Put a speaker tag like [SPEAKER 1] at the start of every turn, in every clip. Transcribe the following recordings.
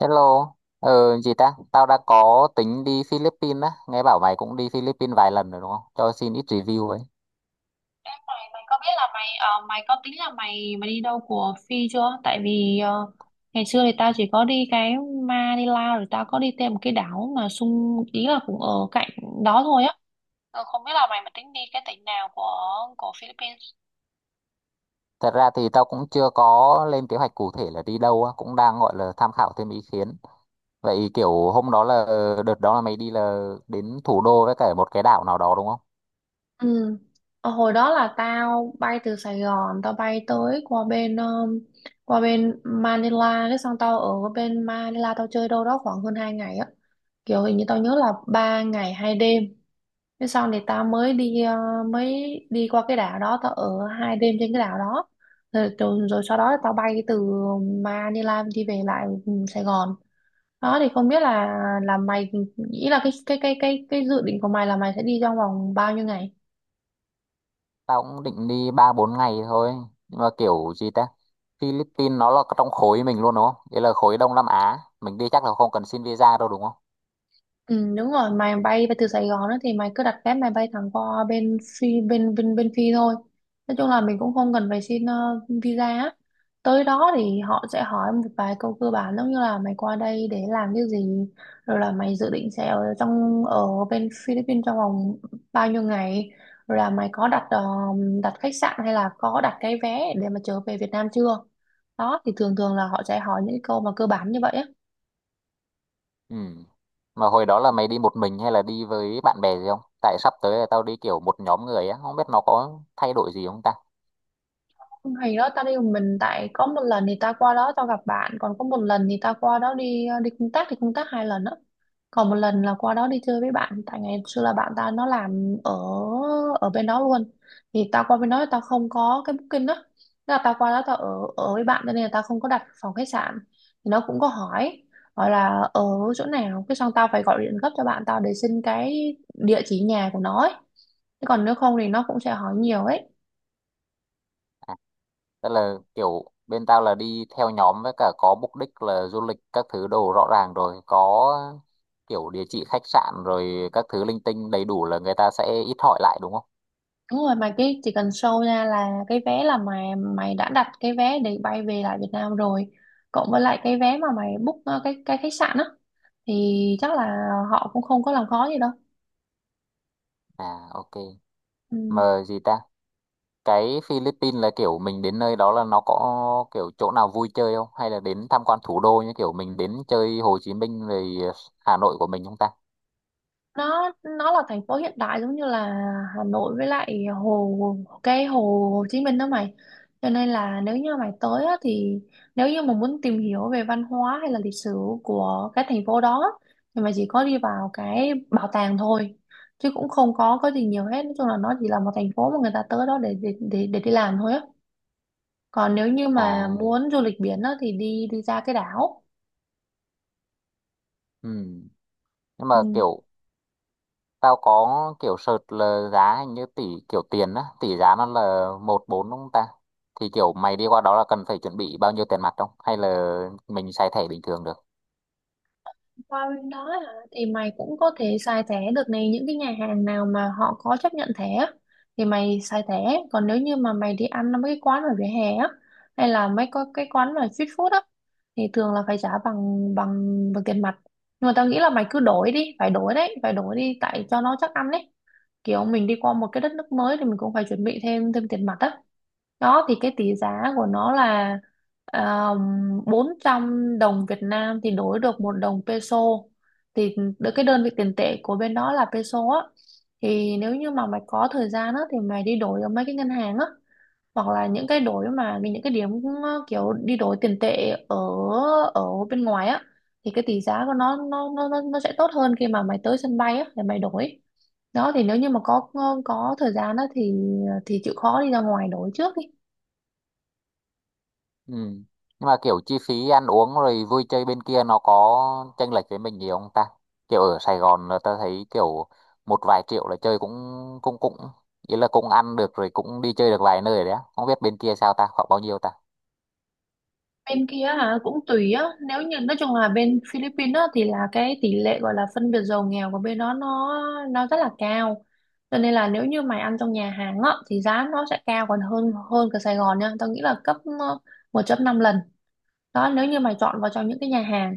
[SPEAKER 1] Hello, gì ta? Tao đã có tính đi Philippines á, nghe bảo mày cũng đi Philippines vài lần rồi đúng không? Cho xin ít review ấy.
[SPEAKER 2] Em, mày mày có biết là mày có tính là mày mày đi đâu của Phi chưa? Tại vì ngày xưa thì tao chỉ có đi cái Manila, rồi tao có đi thêm một cái đảo mà xung ý là cũng ở cạnh đó thôi á. Không biết là mày mà tính đi cái tỉnh nào của Philippines.
[SPEAKER 1] Thật ra thì tao cũng chưa có lên kế hoạch cụ thể là đi đâu á, cũng đang gọi là tham khảo thêm ý kiến. Vậy kiểu hôm đó là đợt đó là mày đi là đến thủ đô với cả một cái đảo nào đó đúng không?
[SPEAKER 2] Ừ. Hồi đó là tao bay từ Sài Gòn, tao bay tới qua bên Manila, cái xong tao ở bên Manila tao chơi đâu đó khoảng hơn 2 ngày á. Kiểu hình như tao nhớ là 3 ngày 2 đêm. Thế xong thì tao mới đi mới đi qua cái đảo đó, tao ở 2 đêm trên cái đảo đó, rồi sau đó tao bay từ Manila đi về lại, Sài Gòn. Đó thì không biết là mày nghĩ là cái dự định của mày là mày sẽ đi trong vòng bao nhiêu ngày.
[SPEAKER 1] Tao cũng định đi 3 4 ngày thôi, nhưng mà kiểu gì ta? Philippines nó là trong khối mình luôn đúng không? Đấy là khối Đông Nam Á, mình đi chắc là không cần xin visa đâu đúng không?
[SPEAKER 2] Ừ, đúng rồi. Mày bay từ Sài Gòn đó thì mày cứ đặt vé, mày bay thẳng qua bên phi, bên bên bên phi thôi. Nói chung là mình cũng không cần phải xin visa á. Tới đó thì họ sẽ hỏi một vài câu cơ bản, giống như là mày qua đây để làm cái gì, rồi là mày dự định sẽ ở trong ở bên Philippines trong vòng bao nhiêu ngày, rồi là mày có đặt đặt khách sạn hay là có đặt cái vé để mà trở về Việt Nam chưa. Đó thì thường thường là họ sẽ hỏi những câu mà cơ bản như vậy á.
[SPEAKER 1] Ừ. Mà hồi đó là mày đi một mình hay là đi với bạn bè gì không? Tại sắp tới là tao đi kiểu một nhóm người á, không biết nó có thay đổi gì không ta.
[SPEAKER 2] Không, hay đó, tao đi một mình. Tại có một lần thì tao qua đó tao gặp bạn, còn có một lần thì tao qua đó đi, đi công tác. Thì công tác 2 lần đó, còn một lần là qua đó đi chơi với bạn. Tại ngày xưa là bạn tao nó làm ở ở bên đó luôn. Thì tao qua bên đó thì tao không có cái booking đó. Thế là tao qua đó tao ở ở với bạn, cho nên là tao không có đặt phòng khách sạn. Thì nó cũng có hỏi, gọi là ở chỗ nào, cái xong tao phải gọi điện gấp cho bạn tao để xin cái địa chỉ nhà của nó ấy. Thế còn nếu không thì nó cũng sẽ hỏi nhiều ấy.
[SPEAKER 1] Tức là kiểu bên tao là đi theo nhóm với cả có mục đích là du lịch các thứ đồ rõ ràng rồi, có kiểu địa chỉ khách sạn rồi các thứ linh tinh đầy đủ là người ta sẽ ít hỏi lại đúng không?
[SPEAKER 2] Đúng rồi, mà cái chỉ cần show ra là cái vé, là mày, mày đã đặt cái vé để bay về lại Việt Nam rồi, cộng với lại cái vé mà mày book cái khách sạn á, thì chắc là họ cũng không có làm khó gì đâu.
[SPEAKER 1] À, ok.
[SPEAKER 2] Ừ.
[SPEAKER 1] Mà gì ta? Cái Philippines là kiểu mình đến nơi đó là nó có kiểu chỗ nào vui chơi không hay là đến tham quan thủ đô như kiểu mình đến chơi Hồ Chí Minh rồi Hà Nội của mình không ta?
[SPEAKER 2] nó là thành phố hiện đại, giống như là Hà Nội với lại hồ, cái hồ Hồ Chí Minh đó mày. Cho nên là nếu như mày tới á, thì nếu như mà muốn tìm hiểu về văn hóa hay là lịch sử của cái thành phố đó, thì mày chỉ có đi vào cái bảo tàng thôi, chứ cũng không có gì nhiều hết. Nói chung là nó chỉ là một thành phố mà người ta tới đó để, đi làm thôi á. Còn nếu như mà
[SPEAKER 1] À,
[SPEAKER 2] muốn du lịch biển á, thì đi, ra cái đảo.
[SPEAKER 1] ừ. Nhưng mà
[SPEAKER 2] Ừ.
[SPEAKER 1] kiểu tao có kiểu search là giá hình như tỷ kiểu tiền á, tỷ giá nó là một bốn đúng không ta? Thì kiểu mày đi qua đó là cần phải chuẩn bị bao nhiêu tiền mặt không hay là mình xài thẻ bình thường được?
[SPEAKER 2] Qua bên đó hả? Thì mày cũng có thể xài thẻ được. Này, những cái nhà hàng nào mà họ có chấp nhận thẻ á, thì mày xài thẻ. Còn nếu như mà mày đi ăn ở mấy cái quán ở vỉa hè á, hay là mấy có cái quán mà street food á, thì thường là phải trả bằng, bằng tiền mặt. Nhưng mà tao nghĩ là mày cứ đổi đi, phải đổi đấy, phải đổi đi tại cho nó chắc ăn đấy. Kiểu mình đi qua một cái đất nước mới thì mình cũng phải chuẩn bị thêm, tiền mặt á. Đó thì cái tỷ giá của nó là um, 400 đồng Việt Nam thì đổi được một đồng peso. Thì cái đơn vị tiền tệ của bên đó là peso á. Thì nếu như mà mày có thời gian á thì mày đi đổi ở mấy cái ngân hàng á, hoặc là những cái đổi, mà những cái điểm, kiểu đi đổi tiền tệ ở ở bên ngoài á, thì cái tỷ giá của nó, nó sẽ tốt hơn khi mà mày tới sân bay á để mày đổi. Đó thì nếu như mà có, thời gian á thì, chịu khó đi ra ngoài đổi trước đi.
[SPEAKER 1] Ừ. Nhưng mà kiểu chi phí ăn uống rồi vui chơi bên kia nó có chênh lệch với mình nhiều không ta? Kiểu ở Sài Gòn là ta thấy kiểu một vài triệu là chơi cũng cũng cũng ý là cũng ăn được rồi cũng đi chơi được vài nơi đấy á. Không biết bên kia sao ta, khoảng bao nhiêu ta?
[SPEAKER 2] Bên kia hả? Cũng tùy á. Nếu như, nói chung là bên Philippines á, thì là cái tỷ lệ gọi là phân biệt giàu nghèo của bên đó nó rất là cao, cho nên là nếu như mày ăn trong nhà hàng á thì giá nó sẽ cao còn hơn, cả Sài Gòn nha. Tao nghĩ là gấp 1 năm lần đó, nếu như mày chọn vào trong những cái nhà hàng.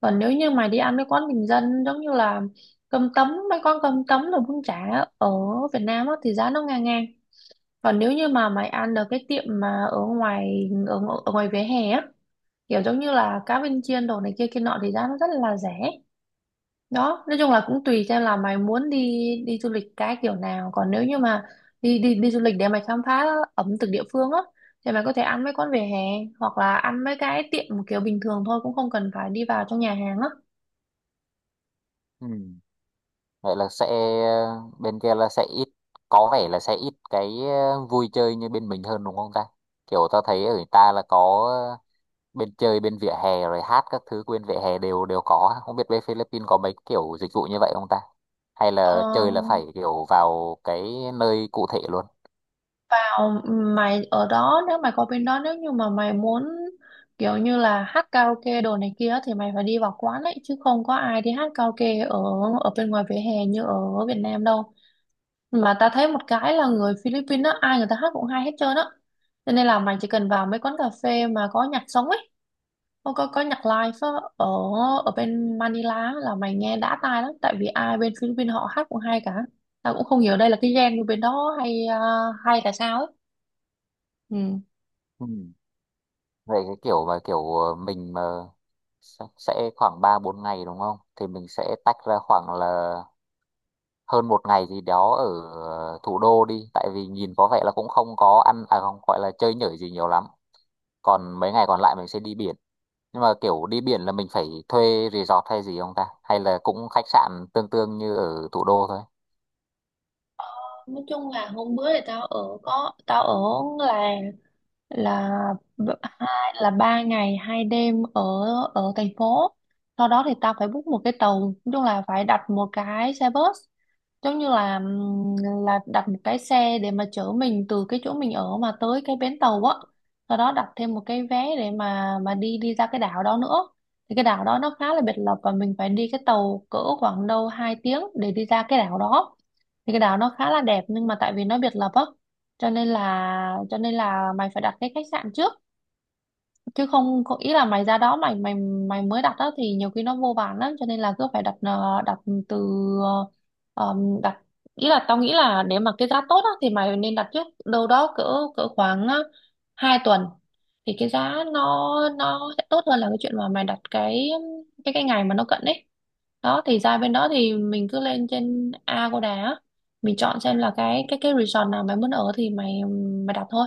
[SPEAKER 2] Còn nếu như mày đi ăn mấy quán bình dân, giống như là cơm tấm, mấy quán cơm tấm rồi bún chả ở Việt Nam á, thì giá nó ngang ngang. Còn nếu như mà mày ăn ở cái tiệm mà ở ngoài, ở, ở ngoài vỉa hè á, kiểu giống như là cá viên chiên đồ này kia kia nọ, thì giá nó rất là rẻ. Đó, nói chung là cũng tùy theo là mày muốn đi, du lịch cái kiểu nào. Còn nếu như mà đi, đi đi du lịch để mày khám phá ẩm thực địa phương á, thì mày có thể ăn mấy quán vỉa hè, hoặc là ăn mấy cái tiệm một kiểu bình thường thôi, cũng không cần phải đi vào trong nhà hàng á.
[SPEAKER 1] Ừ. Vậy là sẽ bên kia là sẽ ít có vẻ là sẽ ít cái vui chơi như bên mình hơn đúng không ta? Kiểu ta thấy ở người ta là có bên chơi bên vỉa hè rồi hát các thứ bên vỉa hè đều đều có ha? Không biết bên Philippines có mấy kiểu dịch vụ như vậy không ta hay là chơi là
[SPEAKER 2] ờ,
[SPEAKER 1] phải kiểu vào cái nơi cụ thể luôn?
[SPEAKER 2] Vào mày ở đó, nếu mày có bên đó, nếu như mà mày muốn kiểu như là hát karaoke đồ này kia thì mày phải đi vào quán ấy, chứ không có ai đi hát karaoke ở ở bên ngoài vỉa hè như ở Việt Nam đâu. Mà ta thấy một cái là người Philippines á, ai người ta hát cũng hay hết trơn á. Cho nên là mày chỉ cần vào mấy quán cà phê mà có nhạc sống ấy, không có, có nhạc live á, ở ở bên Manila á, là mày nghe đã tai lắm. Tại vì ai bên Philippines họ hát cũng hay cả. Ta cũng không hiểu đây là cái gen của bên đó hay à, hay là sao ấy. Ừ.
[SPEAKER 1] Ừ. Vậy cái kiểu mà kiểu mình mà sẽ khoảng 3 4 ngày đúng không thì mình sẽ tách ra khoảng là hơn một ngày gì đó ở thủ đô đi, tại vì nhìn có vẻ là cũng không có ăn à không gọi là chơi nhởi gì nhiều lắm, còn mấy ngày còn lại mình sẽ đi biển. Nhưng mà kiểu đi biển là mình phải thuê resort hay gì không ta hay là cũng khách sạn tương tương như ở thủ đô thôi?
[SPEAKER 2] Nói chung là hôm bữa thì tao ở, có tao ở làng, là 2 là 3 ngày 2 đêm ở ở thành phố. Sau đó thì tao phải book một cái tàu, nói chung là phải đặt một cái xe bus, giống như là đặt một cái xe để mà chở mình từ cái chỗ mình ở mà tới cái bến tàu á, sau đó đặt thêm một cái vé để mà, đi, ra cái đảo đó nữa. Thì cái đảo đó nó khá là biệt lập, và mình phải đi cái tàu cỡ khoảng đâu 2 tiếng để đi ra cái đảo đó. Thì cái đảo nó khá là đẹp, nhưng mà tại vì nó biệt lập á, cho nên là mày phải đặt cái khách sạn trước. Chứ không có, ý là mày ra đó, mày mày mày mới đặt đó thì nhiều khi nó vô vàn lắm. Cho nên là cứ phải đặt, ờ, đặt từ ờ, đặt ý là tao nghĩ là nếu mà cái giá tốt á, thì mày nên đặt trước đâu đó cỡ, khoảng 2 tuần thì cái giá nó sẽ tốt hơn là cái chuyện mà mày đặt cái ngày mà nó cận ấy. Đó thì ra bên đó thì mình cứ lên trên Agoda á, mình chọn xem là cái resort nào mày muốn ở thì mày mày đặt thôi.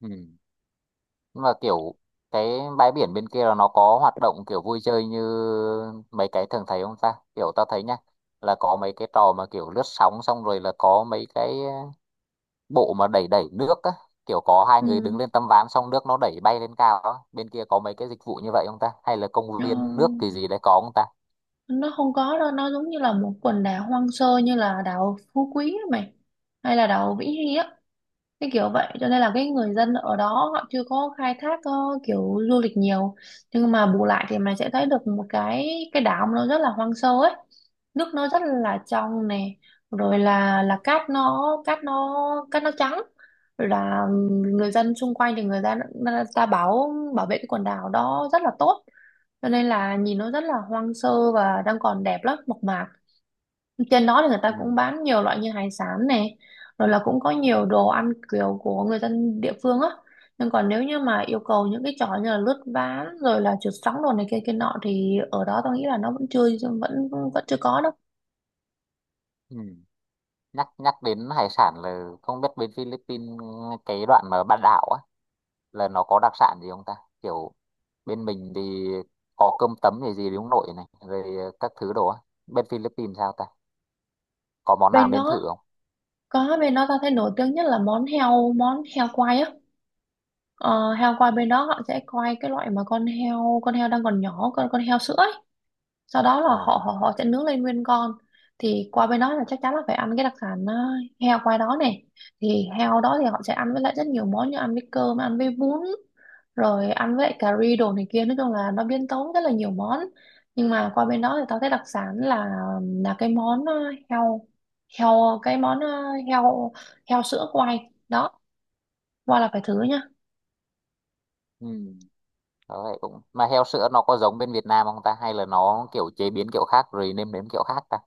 [SPEAKER 1] Ừ. Nhưng mà kiểu cái bãi biển bên kia là nó có hoạt động kiểu vui chơi như mấy cái thường thấy không ta? Kiểu tao thấy nhá, là có mấy cái trò mà kiểu lướt sóng xong rồi là có mấy cái bộ mà đẩy đẩy nước á, kiểu có hai người đứng
[SPEAKER 2] Ừ.
[SPEAKER 1] lên tấm ván xong nước nó đẩy bay lên cao á, bên kia có mấy cái dịch vụ như vậy không ta hay là công
[SPEAKER 2] Ừ.
[SPEAKER 1] viên nước thì gì đấy có không ta?
[SPEAKER 2] Nó không có đâu, nó giống như là một quần đảo hoang sơ, như là đảo Phú Quý á mày, hay là đảo Vĩnh Hy á, cái kiểu vậy. Cho nên là cái người dân ở đó họ chưa có khai thác kiểu du lịch nhiều. Nhưng mà bù lại thì mình sẽ thấy được một cái đảo nó rất là hoang sơ ấy, nước nó rất là trong này, rồi là cát nó cát nó trắng. Rồi là người dân xung quanh thì người ta bảo bảo vệ cái quần đảo đó rất là tốt, cho nên là nhìn nó rất là hoang sơ và đang còn đẹp lắm, mộc mạc. Trên đó thì người ta
[SPEAKER 1] Ừ.
[SPEAKER 2] cũng bán nhiều loại như hải sản này, rồi là cũng có nhiều đồ ăn kiểu của người dân địa phương á. Nhưng còn nếu như mà yêu cầu những cái trò như là lướt ván rồi là trượt sóng đồ này kia kia nọ, thì ở đó tao nghĩ là nó vẫn chưa, vẫn vẫn chưa có đâu.
[SPEAKER 1] Ừ. Nhắc nhắc đến hải sản là không biết bên Philippines cái đoạn mà bán đảo á là nó có đặc sản gì không ta? Kiểu bên mình thì có cơm tấm gì gì đúng nội này rồi các thứ đồ á, bên Philippines sao ta? Có món nào
[SPEAKER 2] Bên
[SPEAKER 1] nên thử
[SPEAKER 2] đó
[SPEAKER 1] không?
[SPEAKER 2] có, bên đó tao thấy nổi tiếng nhất là món heo quay á. Ờ, Heo quay bên đó họ sẽ quay cái loại mà con heo đang còn nhỏ, con heo sữa ấy. Sau đó là
[SPEAKER 1] Ờ.
[SPEAKER 2] họ họ họ sẽ nướng lên nguyên con. Thì qua bên đó là chắc chắn là phải ăn cái đặc sản heo qua đó này. Thì heo đó thì họ sẽ ăn với lại rất nhiều món, như ăn với cơm, ăn với bún, rồi ăn với lại cà ri đồ này kia, nói chung là nó biến tấu rất là nhiều món. Nhưng mà qua bên đó thì tao thấy đặc sản là cái món ờ, heo heo cái món ờ, heo heo sữa quay đó, qua là phải thử nha.
[SPEAKER 1] Ừ. Đó vậy cũng mà heo sữa nó có giống bên Việt Nam không ta hay là nó kiểu chế biến kiểu khác rồi nêm nếm kiểu khác ta?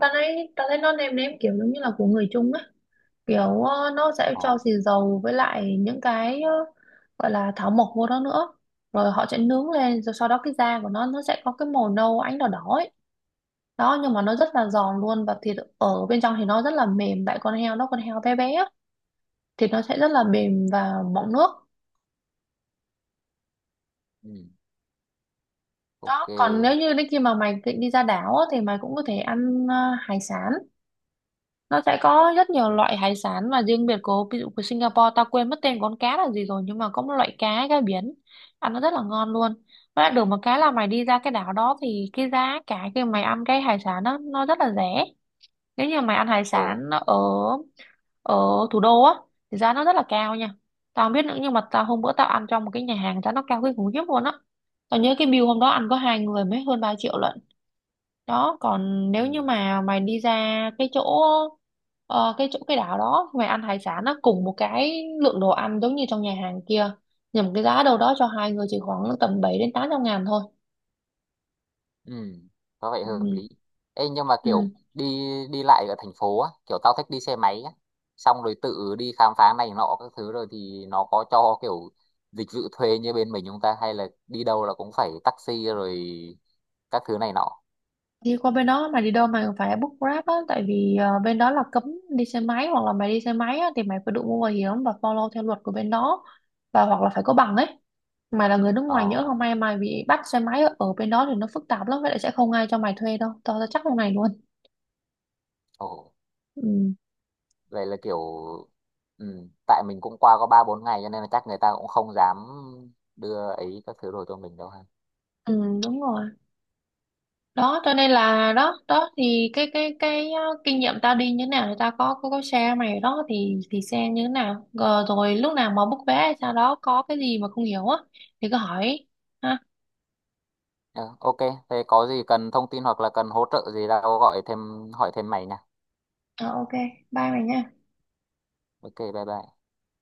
[SPEAKER 2] Tao thấy nó nêm nếm kiểu giống như là của người Trung á, kiểu nó sẽ
[SPEAKER 1] Ồ,
[SPEAKER 2] cho xì dầu với lại những cái gọi là thảo mộc vô đó nữa. Rồi họ sẽ nướng lên, rồi sau đó cái da của nó sẽ có cái màu nâu ánh đỏ đỏ ấy. Đó, nhưng mà nó rất là giòn luôn, và thịt ở bên trong thì nó rất là mềm, tại con heo nó, con heo bé bé á, thịt nó sẽ rất là mềm và mọng nước.
[SPEAKER 1] ừ. Ok.
[SPEAKER 2] Đó, còn nếu như đến khi mà mày định đi ra đảo á, thì mày cũng có thể ăn hải sản. Nó sẽ có rất nhiều
[SPEAKER 1] Ừ.
[SPEAKER 2] loại hải sản, và riêng biệt của, ví dụ của Singapore, tao quên mất tên con cá là gì rồi, nhưng mà có một loại cá cá biển ăn nó rất là ngon luôn. Với lại được một cái là mày đi ra cái đảo đó thì cái giá cả khi mày ăn cái hải sản đó nó rất là rẻ. Nếu như mày ăn hải
[SPEAKER 1] Ồ.
[SPEAKER 2] sản ở ở thủ đô á, thì giá nó rất là cao nha. Tao không biết nữa, nhưng mà tao hôm bữa tao ăn trong một cái nhà hàng, giá nó cao kinh khủng khiếp luôn á. Tao nhớ cái bill hôm đó ăn có hai người mới hơn 3 triệu lận. Đó, còn
[SPEAKER 1] Ừ.
[SPEAKER 2] nếu như mà mày đi ra cái chỗ, ờ, cái chỗ cái đảo đó, mày ăn hải sản nó cùng một cái lượng đồ ăn giống như trong nhà hàng kia, nhưng mà cái giá đâu đó cho hai người chỉ khoảng tầm 700 đến 800 ngàn thôi.
[SPEAKER 1] Ừ, có vẻ hợp
[SPEAKER 2] Ừ.
[SPEAKER 1] lý. Ê, nhưng mà
[SPEAKER 2] Ừ.
[SPEAKER 1] kiểu đi đi lại ở thành phố á, kiểu tao thích đi xe máy á, xong rồi tự đi khám phá này nọ các thứ rồi thì nó có cho kiểu dịch vụ thuê như bên mình chúng ta hay là đi đâu là cũng phải taxi rồi các thứ này nọ.
[SPEAKER 2] Đi qua bên đó mày đi đâu mày cũng phải book Grab á, tại vì bên đó là cấm đi xe máy. Hoặc là mày đi xe máy á, thì mày phải đội mũ bảo hiểm và follow theo luật của bên đó, và hoặc là phải có bằng ấy. Mày là người nước
[SPEAKER 1] Ờ.
[SPEAKER 2] ngoài, nhỡ không may mày bị bắt xe máy ở ở bên đó thì nó phức tạp lắm, vậy lại sẽ không ai cho mày thuê đâu, tao tao chắc lúc này luôn.
[SPEAKER 1] Ồ,
[SPEAKER 2] Ừ,
[SPEAKER 1] vậy là kiểu ừ, tại mình cũng qua có 3 4 ngày cho nên là chắc người ta cũng không dám đưa ấy các thứ đồ cho mình đâu ha.
[SPEAKER 2] ừ đúng rồi. Đó cho nên là đó đó thì cái kinh nghiệm tao đi như thế nào thì tao có share mày đó, thì xem như thế nào. Ờ, rồi lúc nào mà book vé hay sao đó có cái gì mà không hiểu á thì cứ hỏi ha.
[SPEAKER 1] Ờ, ok, thế có gì cần thông tin hoặc là cần hỗ trợ gì tao gọi thêm hỏi thêm mày nha.
[SPEAKER 2] Ờ, ok, bye mày nha.
[SPEAKER 1] Ok, bye bye.